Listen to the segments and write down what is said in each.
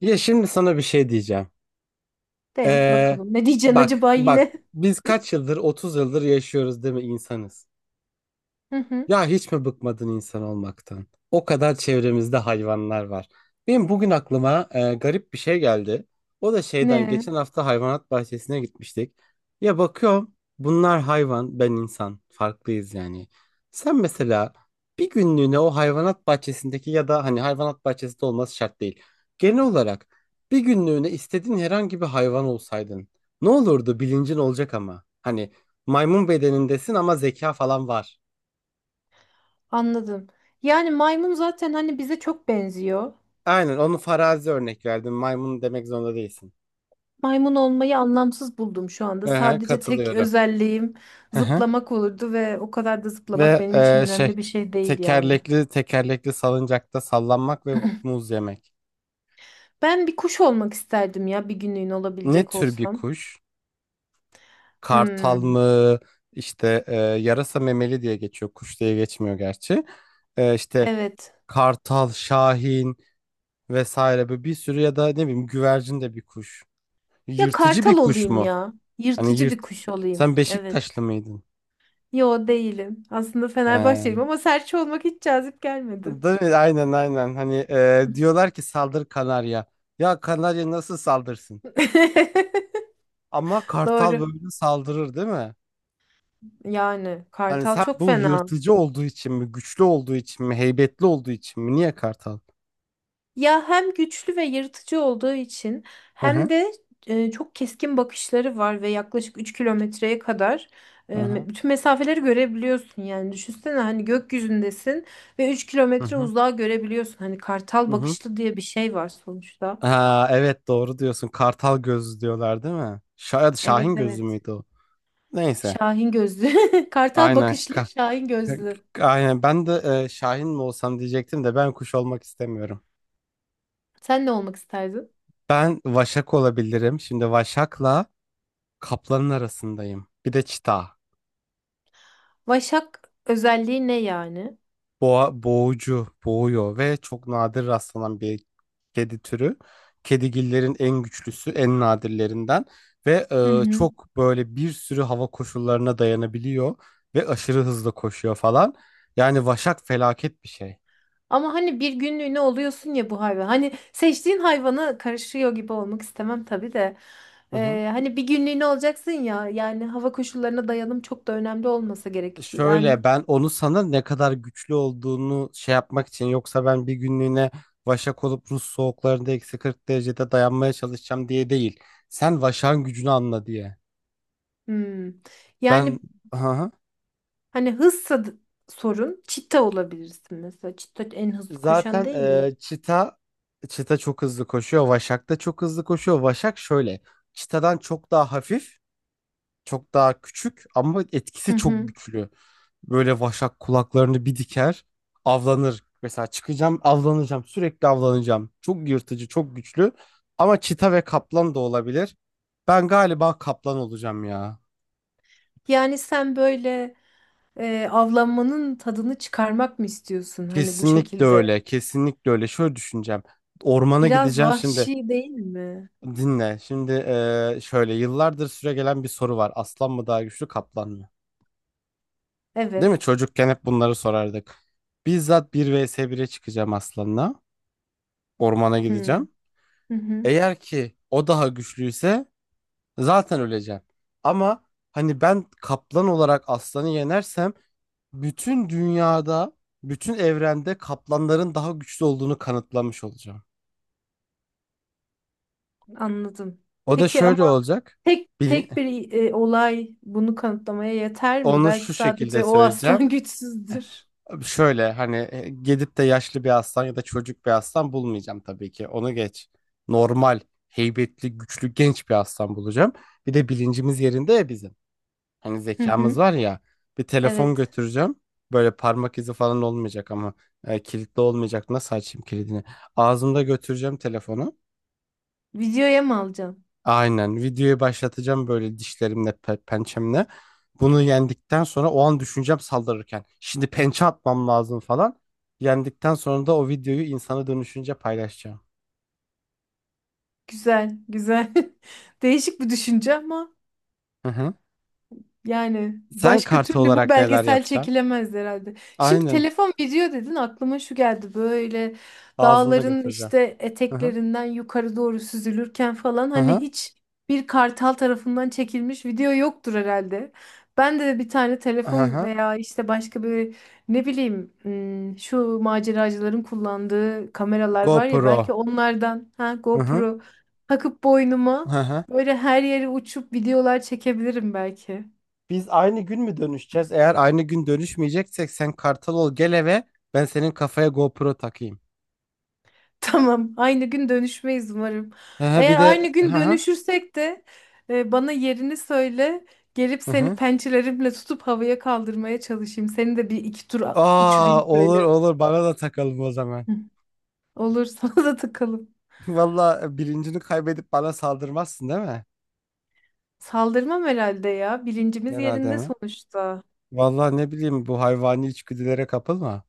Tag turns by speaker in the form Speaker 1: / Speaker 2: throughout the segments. Speaker 1: Ya şimdi sana bir şey diyeceğim.
Speaker 2: De
Speaker 1: Ee,
Speaker 2: bakalım. Ne diyeceksin
Speaker 1: bak
Speaker 2: acaba
Speaker 1: bak
Speaker 2: yine?
Speaker 1: biz kaç yıldır 30 yıldır yaşıyoruz değil mi insanız?
Speaker 2: Hı hı.
Speaker 1: Ya hiç mi bıkmadın insan olmaktan? O kadar çevremizde hayvanlar var. Benim bugün aklıma garip bir şey geldi. O da şeyden
Speaker 2: Ne?
Speaker 1: geçen hafta hayvanat bahçesine gitmiştik. Ya bakıyorum bunlar hayvan, ben insan. Farklıyız yani. Sen mesela bir günlüğüne o hayvanat bahçesindeki ya da hani hayvanat bahçesinde olması şart değil. Genel olarak bir günlüğüne istediğin herhangi bir hayvan olsaydın ne olurdu bilincin olacak ama. Hani maymun bedenindesin ama zeka falan var.
Speaker 2: Anladım. Yani maymun zaten hani bize çok benziyor.
Speaker 1: Aynen onu farazi örnek verdim. Maymun demek zorunda değilsin.
Speaker 2: Maymun olmayı anlamsız buldum şu anda.
Speaker 1: Aha,
Speaker 2: Sadece tek
Speaker 1: katılıyorum.
Speaker 2: özelliğim
Speaker 1: Aha.
Speaker 2: zıplamak olurdu ve o kadar da zıplamak
Speaker 1: Ve
Speaker 2: benim için
Speaker 1: şey
Speaker 2: önemli bir şey değil yani.
Speaker 1: tekerlekli tekerlekli salıncakta sallanmak ve muz yemek.
Speaker 2: Ben bir kuş olmak isterdim ya bir günlüğüne
Speaker 1: Ne
Speaker 2: olabilecek
Speaker 1: tür bir
Speaker 2: olsam.
Speaker 1: kuş? Kartal
Speaker 2: Hmm.
Speaker 1: mı? İşte yarasa memeli diye geçiyor. Kuş diye geçmiyor gerçi. İşte
Speaker 2: Evet.
Speaker 1: kartal, şahin vesaire böyle bir sürü ya da ne bileyim güvercin de bir kuş.
Speaker 2: Ya
Speaker 1: Yırtıcı bir
Speaker 2: kartal
Speaker 1: kuş
Speaker 2: olayım
Speaker 1: mu?
Speaker 2: ya.
Speaker 1: Hani
Speaker 2: Yırtıcı bir
Speaker 1: yırt.
Speaker 2: kuş olayım.
Speaker 1: Sen
Speaker 2: Evet.
Speaker 1: Beşiktaşlı mıydın?
Speaker 2: Yo değilim. Aslında
Speaker 1: He.
Speaker 2: Fenerbahçeliyim ama serçe olmak hiç cazip gelmedi.
Speaker 1: Değil mi? Aynen aynen. Hani diyorlar ki saldır kanarya. Ya kanarya nasıl saldırsın? Ama kartal
Speaker 2: Doğru.
Speaker 1: böyle saldırır değil mi?
Speaker 2: Yani
Speaker 1: Hani
Speaker 2: kartal
Speaker 1: sen
Speaker 2: çok
Speaker 1: bu
Speaker 2: fena.
Speaker 1: yırtıcı olduğu için mi, güçlü olduğu için mi, heybetli olduğu için mi? Niye kartal?
Speaker 2: Ya hem güçlü ve yırtıcı olduğu için
Speaker 1: Hı
Speaker 2: hem
Speaker 1: hı.
Speaker 2: de çok keskin bakışları var ve yaklaşık 3 kilometreye kadar
Speaker 1: Hı hı.
Speaker 2: bütün mesafeleri görebiliyorsun. Yani düşünsene hani gökyüzündesin ve üç
Speaker 1: Hı
Speaker 2: kilometre
Speaker 1: hı.
Speaker 2: uzağa görebiliyorsun. Hani
Speaker 1: Hı
Speaker 2: kartal
Speaker 1: hı.
Speaker 2: bakışlı diye bir şey var sonuçta.
Speaker 1: Ha, evet doğru diyorsun. Kartal gözü diyorlar değil mi? Şahin
Speaker 2: Evet
Speaker 1: gözü
Speaker 2: evet.
Speaker 1: müydü o? Neyse.
Speaker 2: Şahin gözlü. Kartal
Speaker 1: Aynen.
Speaker 2: bakışlı, Şahin gözlü.
Speaker 1: Aynen. Ben de Şahin mi olsam diyecektim de ben kuş olmak istemiyorum.
Speaker 2: Sen ne olmak isterdin?
Speaker 1: Ben vaşak olabilirim. Şimdi vaşakla kaplanın arasındayım. Bir de çita.
Speaker 2: Vaşak özelliği ne yani?
Speaker 1: Boğa, boğucu, boğuyor ve çok nadir rastlanan bir kedi türü. Kedigillerin en güçlüsü, en nadirlerinden ve
Speaker 2: Hı hı.
Speaker 1: çok böyle bir sürü hava koşullarına dayanabiliyor ve aşırı hızlı koşuyor falan. Yani vaşak felaket bir şey.
Speaker 2: Ama hani bir günlüğüne oluyorsun ya bu hayvan. Hani seçtiğin hayvana karışıyor gibi olmak istemem tabii de.
Speaker 1: Hı hı.
Speaker 2: Hani bir günlüğüne olacaksın ya. Yani hava koşullarına dayanım çok da önemli olmasa gerek. Yani
Speaker 1: Şöyle ben onu sana ne kadar güçlü olduğunu şey yapmak için, yoksa ben bir günlüğüne vaşak olup Rus soğuklarında eksi 40 derecede dayanmaya çalışacağım diye değil. Sen vaşağın gücünü anla diye.
Speaker 2: hmm.
Speaker 1: Ben.
Speaker 2: Yani
Speaker 1: Aha.
Speaker 2: hani hızsa sorun. Çita olabilirsin mesela. Çita en hızlı koşan
Speaker 1: Zaten
Speaker 2: değil mi?
Speaker 1: çita çok hızlı koşuyor. Vaşak da çok hızlı koşuyor. Vaşak şöyle çitadan çok daha hafif, çok daha küçük ama
Speaker 2: Hı
Speaker 1: etkisi çok
Speaker 2: hı.
Speaker 1: güçlü. Böyle vaşak kulaklarını bir diker, avlanır. Mesela çıkacağım, avlanacağım, sürekli avlanacağım. Çok yırtıcı, çok güçlü. Ama çita ve kaplan da olabilir. Ben galiba kaplan olacağım ya.
Speaker 2: Yani sen böyle avlanmanın tadını çıkarmak mı istiyorsun? Hani bu
Speaker 1: Kesinlikle
Speaker 2: şekilde.
Speaker 1: öyle, kesinlikle öyle. Şöyle düşüneceğim. Ormana
Speaker 2: Biraz
Speaker 1: gideceğim şimdi.
Speaker 2: vahşi değil mi?
Speaker 1: Dinle. Şimdi şöyle yıllardır süregelen bir soru var. Aslan mı daha güçlü, kaplan mı? Değil mi?
Speaker 2: Evet.
Speaker 1: Çocukken hep bunları sorardık. Bizzat bir vs 1'e çıkacağım aslanla. Ormana
Speaker 2: Hmm.
Speaker 1: gideceğim.
Speaker 2: Hı hı.
Speaker 1: Eğer ki o daha güçlüyse zaten öleceğim. Ama hani ben kaplan olarak aslanı yenersem bütün dünyada, bütün evrende kaplanların daha güçlü olduğunu kanıtlamış olacağım.
Speaker 2: Anladım.
Speaker 1: O da
Speaker 2: Peki
Speaker 1: şöyle
Speaker 2: ama
Speaker 1: olacak.
Speaker 2: tek
Speaker 1: Bil-
Speaker 2: tek bir olay bunu kanıtlamaya yeter mi?
Speaker 1: Onu
Speaker 2: Belki
Speaker 1: şu şekilde
Speaker 2: sadece o aslan
Speaker 1: söyleyeceğim.
Speaker 2: güçsüzdür.
Speaker 1: Şöyle hani gidip de yaşlı bir aslan ya da çocuk bir aslan bulmayacağım tabii ki. Onu geç. Normal, heybetli, güçlü, genç bir aslan bulacağım. Bir de bilincimiz yerinde ya bizim. Hani
Speaker 2: Hı
Speaker 1: zekamız
Speaker 2: hı.
Speaker 1: var ya, bir telefon
Speaker 2: Evet.
Speaker 1: götüreceğim. Böyle parmak izi falan olmayacak ama kilitli olmayacak. Nasıl açayım kilidini? Ağzımda götüreceğim telefonu.
Speaker 2: Videoya mı alacağım?
Speaker 1: Aynen videoyu başlatacağım böyle dişlerimle pençemle. Bunu yendikten sonra o an düşüneceğim saldırırken. Şimdi pençe atmam lazım falan. Yendikten sonra da o videoyu insana dönüşünce paylaşacağım.
Speaker 2: Güzel, güzel. Değişik bir düşünce ama
Speaker 1: Hı hı.
Speaker 2: yani
Speaker 1: Sen
Speaker 2: başka
Speaker 1: kartı
Speaker 2: türlü bu
Speaker 1: olarak neler
Speaker 2: belgesel
Speaker 1: yapacaksın?
Speaker 2: çekilemez herhalde. Şimdi
Speaker 1: Aynen
Speaker 2: telefon video dedin aklıma şu geldi böyle
Speaker 1: ağzımda
Speaker 2: dağların
Speaker 1: götüreceğim.
Speaker 2: işte
Speaker 1: Hı hı.
Speaker 2: eteklerinden yukarı doğru süzülürken falan
Speaker 1: Hı
Speaker 2: hani
Speaker 1: hı.
Speaker 2: hiç bir kartal tarafından çekilmiş video yoktur herhalde. Ben de bir tane
Speaker 1: Hı
Speaker 2: telefon
Speaker 1: hı.
Speaker 2: veya işte başka bir ne bileyim şu maceracıların kullandığı kameralar var ya
Speaker 1: GoPro.
Speaker 2: belki onlardan ha
Speaker 1: Hı hı.
Speaker 2: GoPro takıp boynuma
Speaker 1: Hı hı.
Speaker 2: böyle her yere uçup videolar çekebilirim belki.
Speaker 1: Biz aynı gün mü dönüşeceğiz? Eğer aynı gün dönüşmeyeceksek sen kartal ol gel eve. Ben senin kafaya GoPro takayım.
Speaker 2: Tamam, aynı gün dönüşmeyiz umarım.
Speaker 1: Hı hı,
Speaker 2: Eğer
Speaker 1: bir
Speaker 2: aynı
Speaker 1: de
Speaker 2: gün
Speaker 1: hı hı,
Speaker 2: dönüşürsek de bana yerini söyle. Gelip
Speaker 1: hı
Speaker 2: seni
Speaker 1: hı.
Speaker 2: pençelerimle tutup havaya kaldırmaya çalışayım. Seni de bir iki tur
Speaker 1: Aa,
Speaker 2: uçurayım
Speaker 1: olur
Speaker 2: şöyle.
Speaker 1: olur, bana da takalım o zaman.
Speaker 2: Hı. Olur, sana da takalım.
Speaker 1: Valla bilincini kaybedip bana saldırmazsın değil mi?
Speaker 2: Saldırmam herhalde ya. Bilincimiz
Speaker 1: Herhalde
Speaker 2: yerinde
Speaker 1: mi?
Speaker 2: sonuçta.
Speaker 1: Valla ne bileyim, bu hayvani içgüdülere kapılma.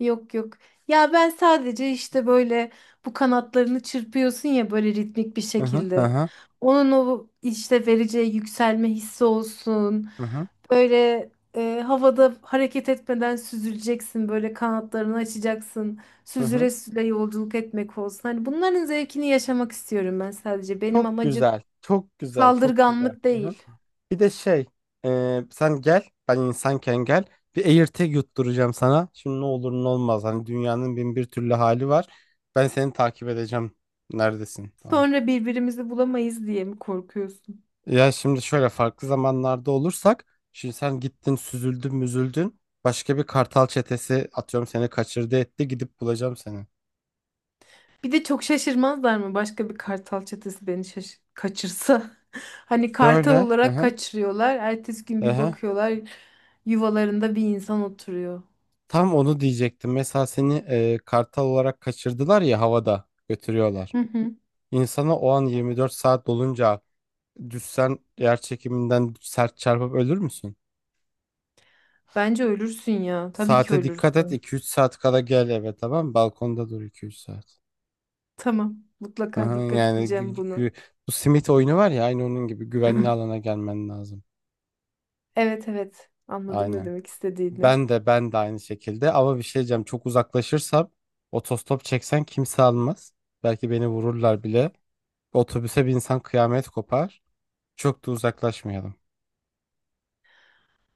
Speaker 2: Yok yok. Ya ben sadece işte böyle bu kanatlarını çırpıyorsun ya böyle ritmik bir
Speaker 1: Hı hı, hı
Speaker 2: şekilde.
Speaker 1: hı,
Speaker 2: Onun o işte vereceği yükselme hissi olsun.
Speaker 1: hı hı,
Speaker 2: Böyle havada hareket etmeden süzüleceksin. Böyle kanatlarını açacaksın.
Speaker 1: hı hı.
Speaker 2: Süzüle süzüle yolculuk etmek olsun. Hani bunların zevkini yaşamak istiyorum ben sadece. Benim
Speaker 1: Çok
Speaker 2: amacım
Speaker 1: güzel. Çok güzel. Çok güzel.
Speaker 2: saldırganlık
Speaker 1: Hı hı.
Speaker 2: değil.
Speaker 1: Bir de şey, sen gel, ben insanken gel. Bir AirTag yutturacağım sana. Şimdi ne olur ne olmaz. Hani dünyanın bin bir türlü hali var. Ben seni takip edeceğim. Neredesin? Tamam.
Speaker 2: Sonra birbirimizi bulamayız diye mi korkuyorsun?
Speaker 1: Ya şimdi şöyle farklı zamanlarda olursak, şimdi sen gittin, süzüldün, müzüldün. Başka bir kartal çetesi atıyorum seni kaçırdı etti. Gidip bulacağım seni.
Speaker 2: Bir de çok şaşırmazlar mı başka bir kartal çetesi beni kaçırsa? Hani kartal
Speaker 1: Şöyle, hı
Speaker 2: olarak
Speaker 1: hı,
Speaker 2: kaçırıyorlar. Ertesi gün
Speaker 1: hı
Speaker 2: bir
Speaker 1: hı.
Speaker 2: bakıyorlar yuvalarında bir insan oturuyor.
Speaker 1: Tam onu diyecektim. Mesela seni kartal olarak kaçırdılar ya, havada götürüyorlar.
Speaker 2: Hı hı.
Speaker 1: İnsana o an 24 saat dolunca düşsen yer çekiminden sert çarpıp ölür müsün?
Speaker 2: Bence ölürsün ya. Tabii ki
Speaker 1: Saate dikkat et,
Speaker 2: ölürsün.
Speaker 1: iki üç saat kala gel eve, tamam mı? Balkonda dur iki üç saat.
Speaker 2: Tamam. Mutlaka
Speaker 1: Aha,
Speaker 2: dikkat
Speaker 1: yani
Speaker 2: edeceğim buna.
Speaker 1: bu simit oyunu var ya, aynı onun gibi güvenli alana gelmen lazım.
Speaker 2: Evet evet. Anladım ne
Speaker 1: Aynen.
Speaker 2: demek istediğini.
Speaker 1: Ben de aynı şekilde, ama bir şey diyeceğim, çok uzaklaşırsam otostop çeksen kimse almaz. Belki beni vururlar bile. Otobüse bir insan, kıyamet kopar. Çok da uzaklaşmayalım.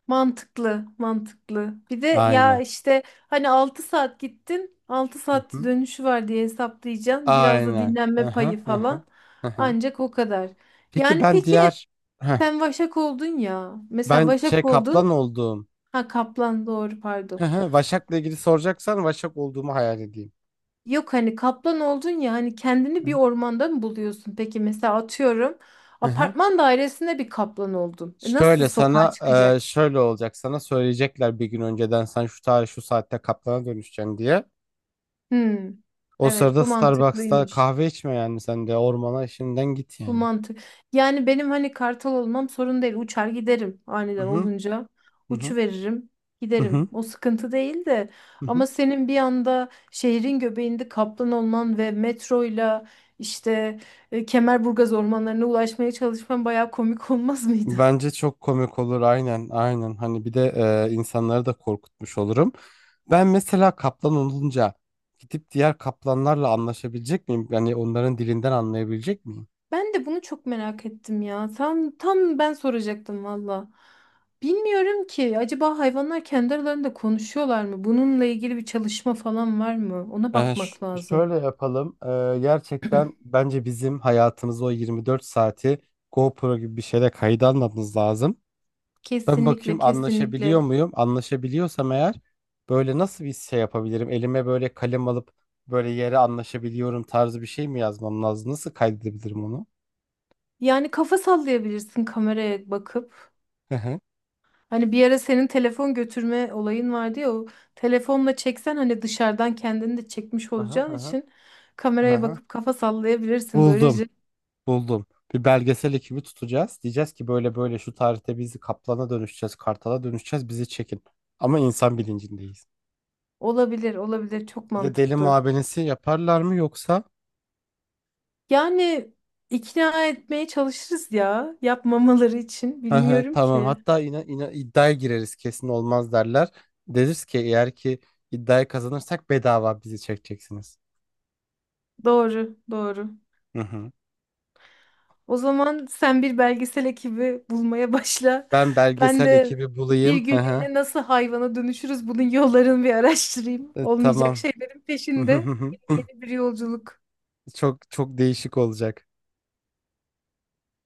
Speaker 2: Mantıklı, mantıklı. Bir de ya
Speaker 1: Aynen.
Speaker 2: işte hani 6 saat gittin, altı
Speaker 1: Hı
Speaker 2: saat
Speaker 1: hı.
Speaker 2: dönüşü var diye hesaplayacaksın. Biraz da
Speaker 1: Aynen.
Speaker 2: dinlenme
Speaker 1: Aha,
Speaker 2: payı
Speaker 1: aha.
Speaker 2: falan.
Speaker 1: Aha.
Speaker 2: Ancak o kadar.
Speaker 1: Peki
Speaker 2: Yani
Speaker 1: ben
Speaker 2: peki
Speaker 1: diğer. Heh,
Speaker 2: sen Vaşak oldun ya. Mesela
Speaker 1: ben şey
Speaker 2: Vaşak
Speaker 1: kaplan
Speaker 2: oldun.
Speaker 1: olduğum.
Speaker 2: Ha Kaplan doğru pardon.
Speaker 1: Hı hı, Vaşak'la ilgili soracaksan Vaşak olduğumu hayal edeyim.
Speaker 2: Yok hani Kaplan oldun ya hani kendini
Speaker 1: Hı
Speaker 2: bir
Speaker 1: hı.
Speaker 2: ormanda mı buluyorsun? Peki mesela atıyorum
Speaker 1: Hı hı.
Speaker 2: apartman dairesinde bir Kaplan oldun. Nasıl
Speaker 1: Şöyle
Speaker 2: sokağa
Speaker 1: sana
Speaker 2: çıkacaksın?
Speaker 1: şöyle olacak, sana söyleyecekler bir gün önceden sen şu tarih şu saatte kaplana dönüşeceksin diye.
Speaker 2: Hmm,
Speaker 1: O
Speaker 2: evet
Speaker 1: sırada
Speaker 2: bu
Speaker 1: Starbucks'ta
Speaker 2: mantıklıymış.
Speaker 1: kahve içme yani, sen de ormana işinden git
Speaker 2: Bu
Speaker 1: yani.
Speaker 2: mantık. Yani benim hani kartal olmam sorun değil. Uçar giderim
Speaker 1: Hı
Speaker 2: aniden
Speaker 1: hı.
Speaker 2: olunca.
Speaker 1: Hı hı.
Speaker 2: Uçu veririm,
Speaker 1: Hı
Speaker 2: giderim.
Speaker 1: hı.
Speaker 2: O sıkıntı değil de
Speaker 1: Hı hı.
Speaker 2: ama senin bir anda şehrin göbeğinde kaplan olman ve metroyla işte Kemerburgaz ormanlarına ulaşmaya çalışman bayağı komik olmaz mıydı?
Speaker 1: Bence çok komik olur aynen aynen, hani bir de insanları da korkutmuş olurum. Ben mesela kaplan olunca gidip diğer kaplanlarla anlaşabilecek miyim? Yani onların dilinden anlayabilecek miyim?
Speaker 2: Ben de bunu çok merak ettim ya. Tam tam ben soracaktım valla. Bilmiyorum ki acaba hayvanlar kendi aralarında konuşuyorlar mı? Bununla ilgili bir çalışma falan var mı? Ona bakmak lazım.
Speaker 1: Şöyle yapalım. Gerçekten bence bizim hayatımızı, o 24 saati GoPro gibi bir şeyle kayıt almamız lazım. Ben
Speaker 2: Kesinlikle,
Speaker 1: bakayım
Speaker 2: kesinlikle.
Speaker 1: anlaşabiliyor muyum? Anlaşabiliyorsam eğer böyle nasıl bir şey yapabilirim? Elime böyle kalem alıp böyle yere "anlaşabiliyorum" tarzı bir şey mi yazmam lazım? Nasıl kaydedebilirim onu?
Speaker 2: Yani kafa sallayabilirsin kameraya bakıp.
Speaker 1: Hı hı.
Speaker 2: Hani bir ara senin telefon götürme olayın vardı ya o telefonla çeksen hani dışarıdan kendini de çekmiş
Speaker 1: Aha,
Speaker 2: olacağın
Speaker 1: aha,
Speaker 2: için kameraya
Speaker 1: aha.
Speaker 2: bakıp kafa sallayabilirsin.
Speaker 1: Buldum,
Speaker 2: Böylece
Speaker 1: buldum. Bir belgesel ekibi tutacağız. Diyeceğiz ki böyle böyle şu tarihte bizi, kaplana dönüşeceğiz, kartala dönüşeceğiz, bizi çekin. Ama insan bilincindeyiz.
Speaker 2: olabilir, olabilir. Çok
Speaker 1: Bir de deli
Speaker 2: mantıklı.
Speaker 1: muavenesi yaparlar mı yoksa?
Speaker 2: Yani ikna etmeye çalışırız ya yapmamaları için.
Speaker 1: Hı hı,
Speaker 2: Bilmiyorum
Speaker 1: tamam.
Speaker 2: ki.
Speaker 1: Hatta yine iddiaya gireriz, kesin olmaz derler. Deriz ki eğer ki iddiayı kazanırsak bedava bizi çekeceksiniz.
Speaker 2: Doğru, doğru.
Speaker 1: Hı hı.
Speaker 2: O zaman sen bir belgesel ekibi bulmaya başla.
Speaker 1: Ben
Speaker 2: Ben
Speaker 1: belgesel
Speaker 2: de
Speaker 1: ekibi
Speaker 2: bir
Speaker 1: bulayım. Hı hı.
Speaker 2: günlüğüne nasıl hayvana dönüşürüz bunun yollarını bir araştırayım. Olmayacak
Speaker 1: Tamam.
Speaker 2: şeylerin peşinde yeni bir yolculuk.
Speaker 1: Çok çok değişik olacak.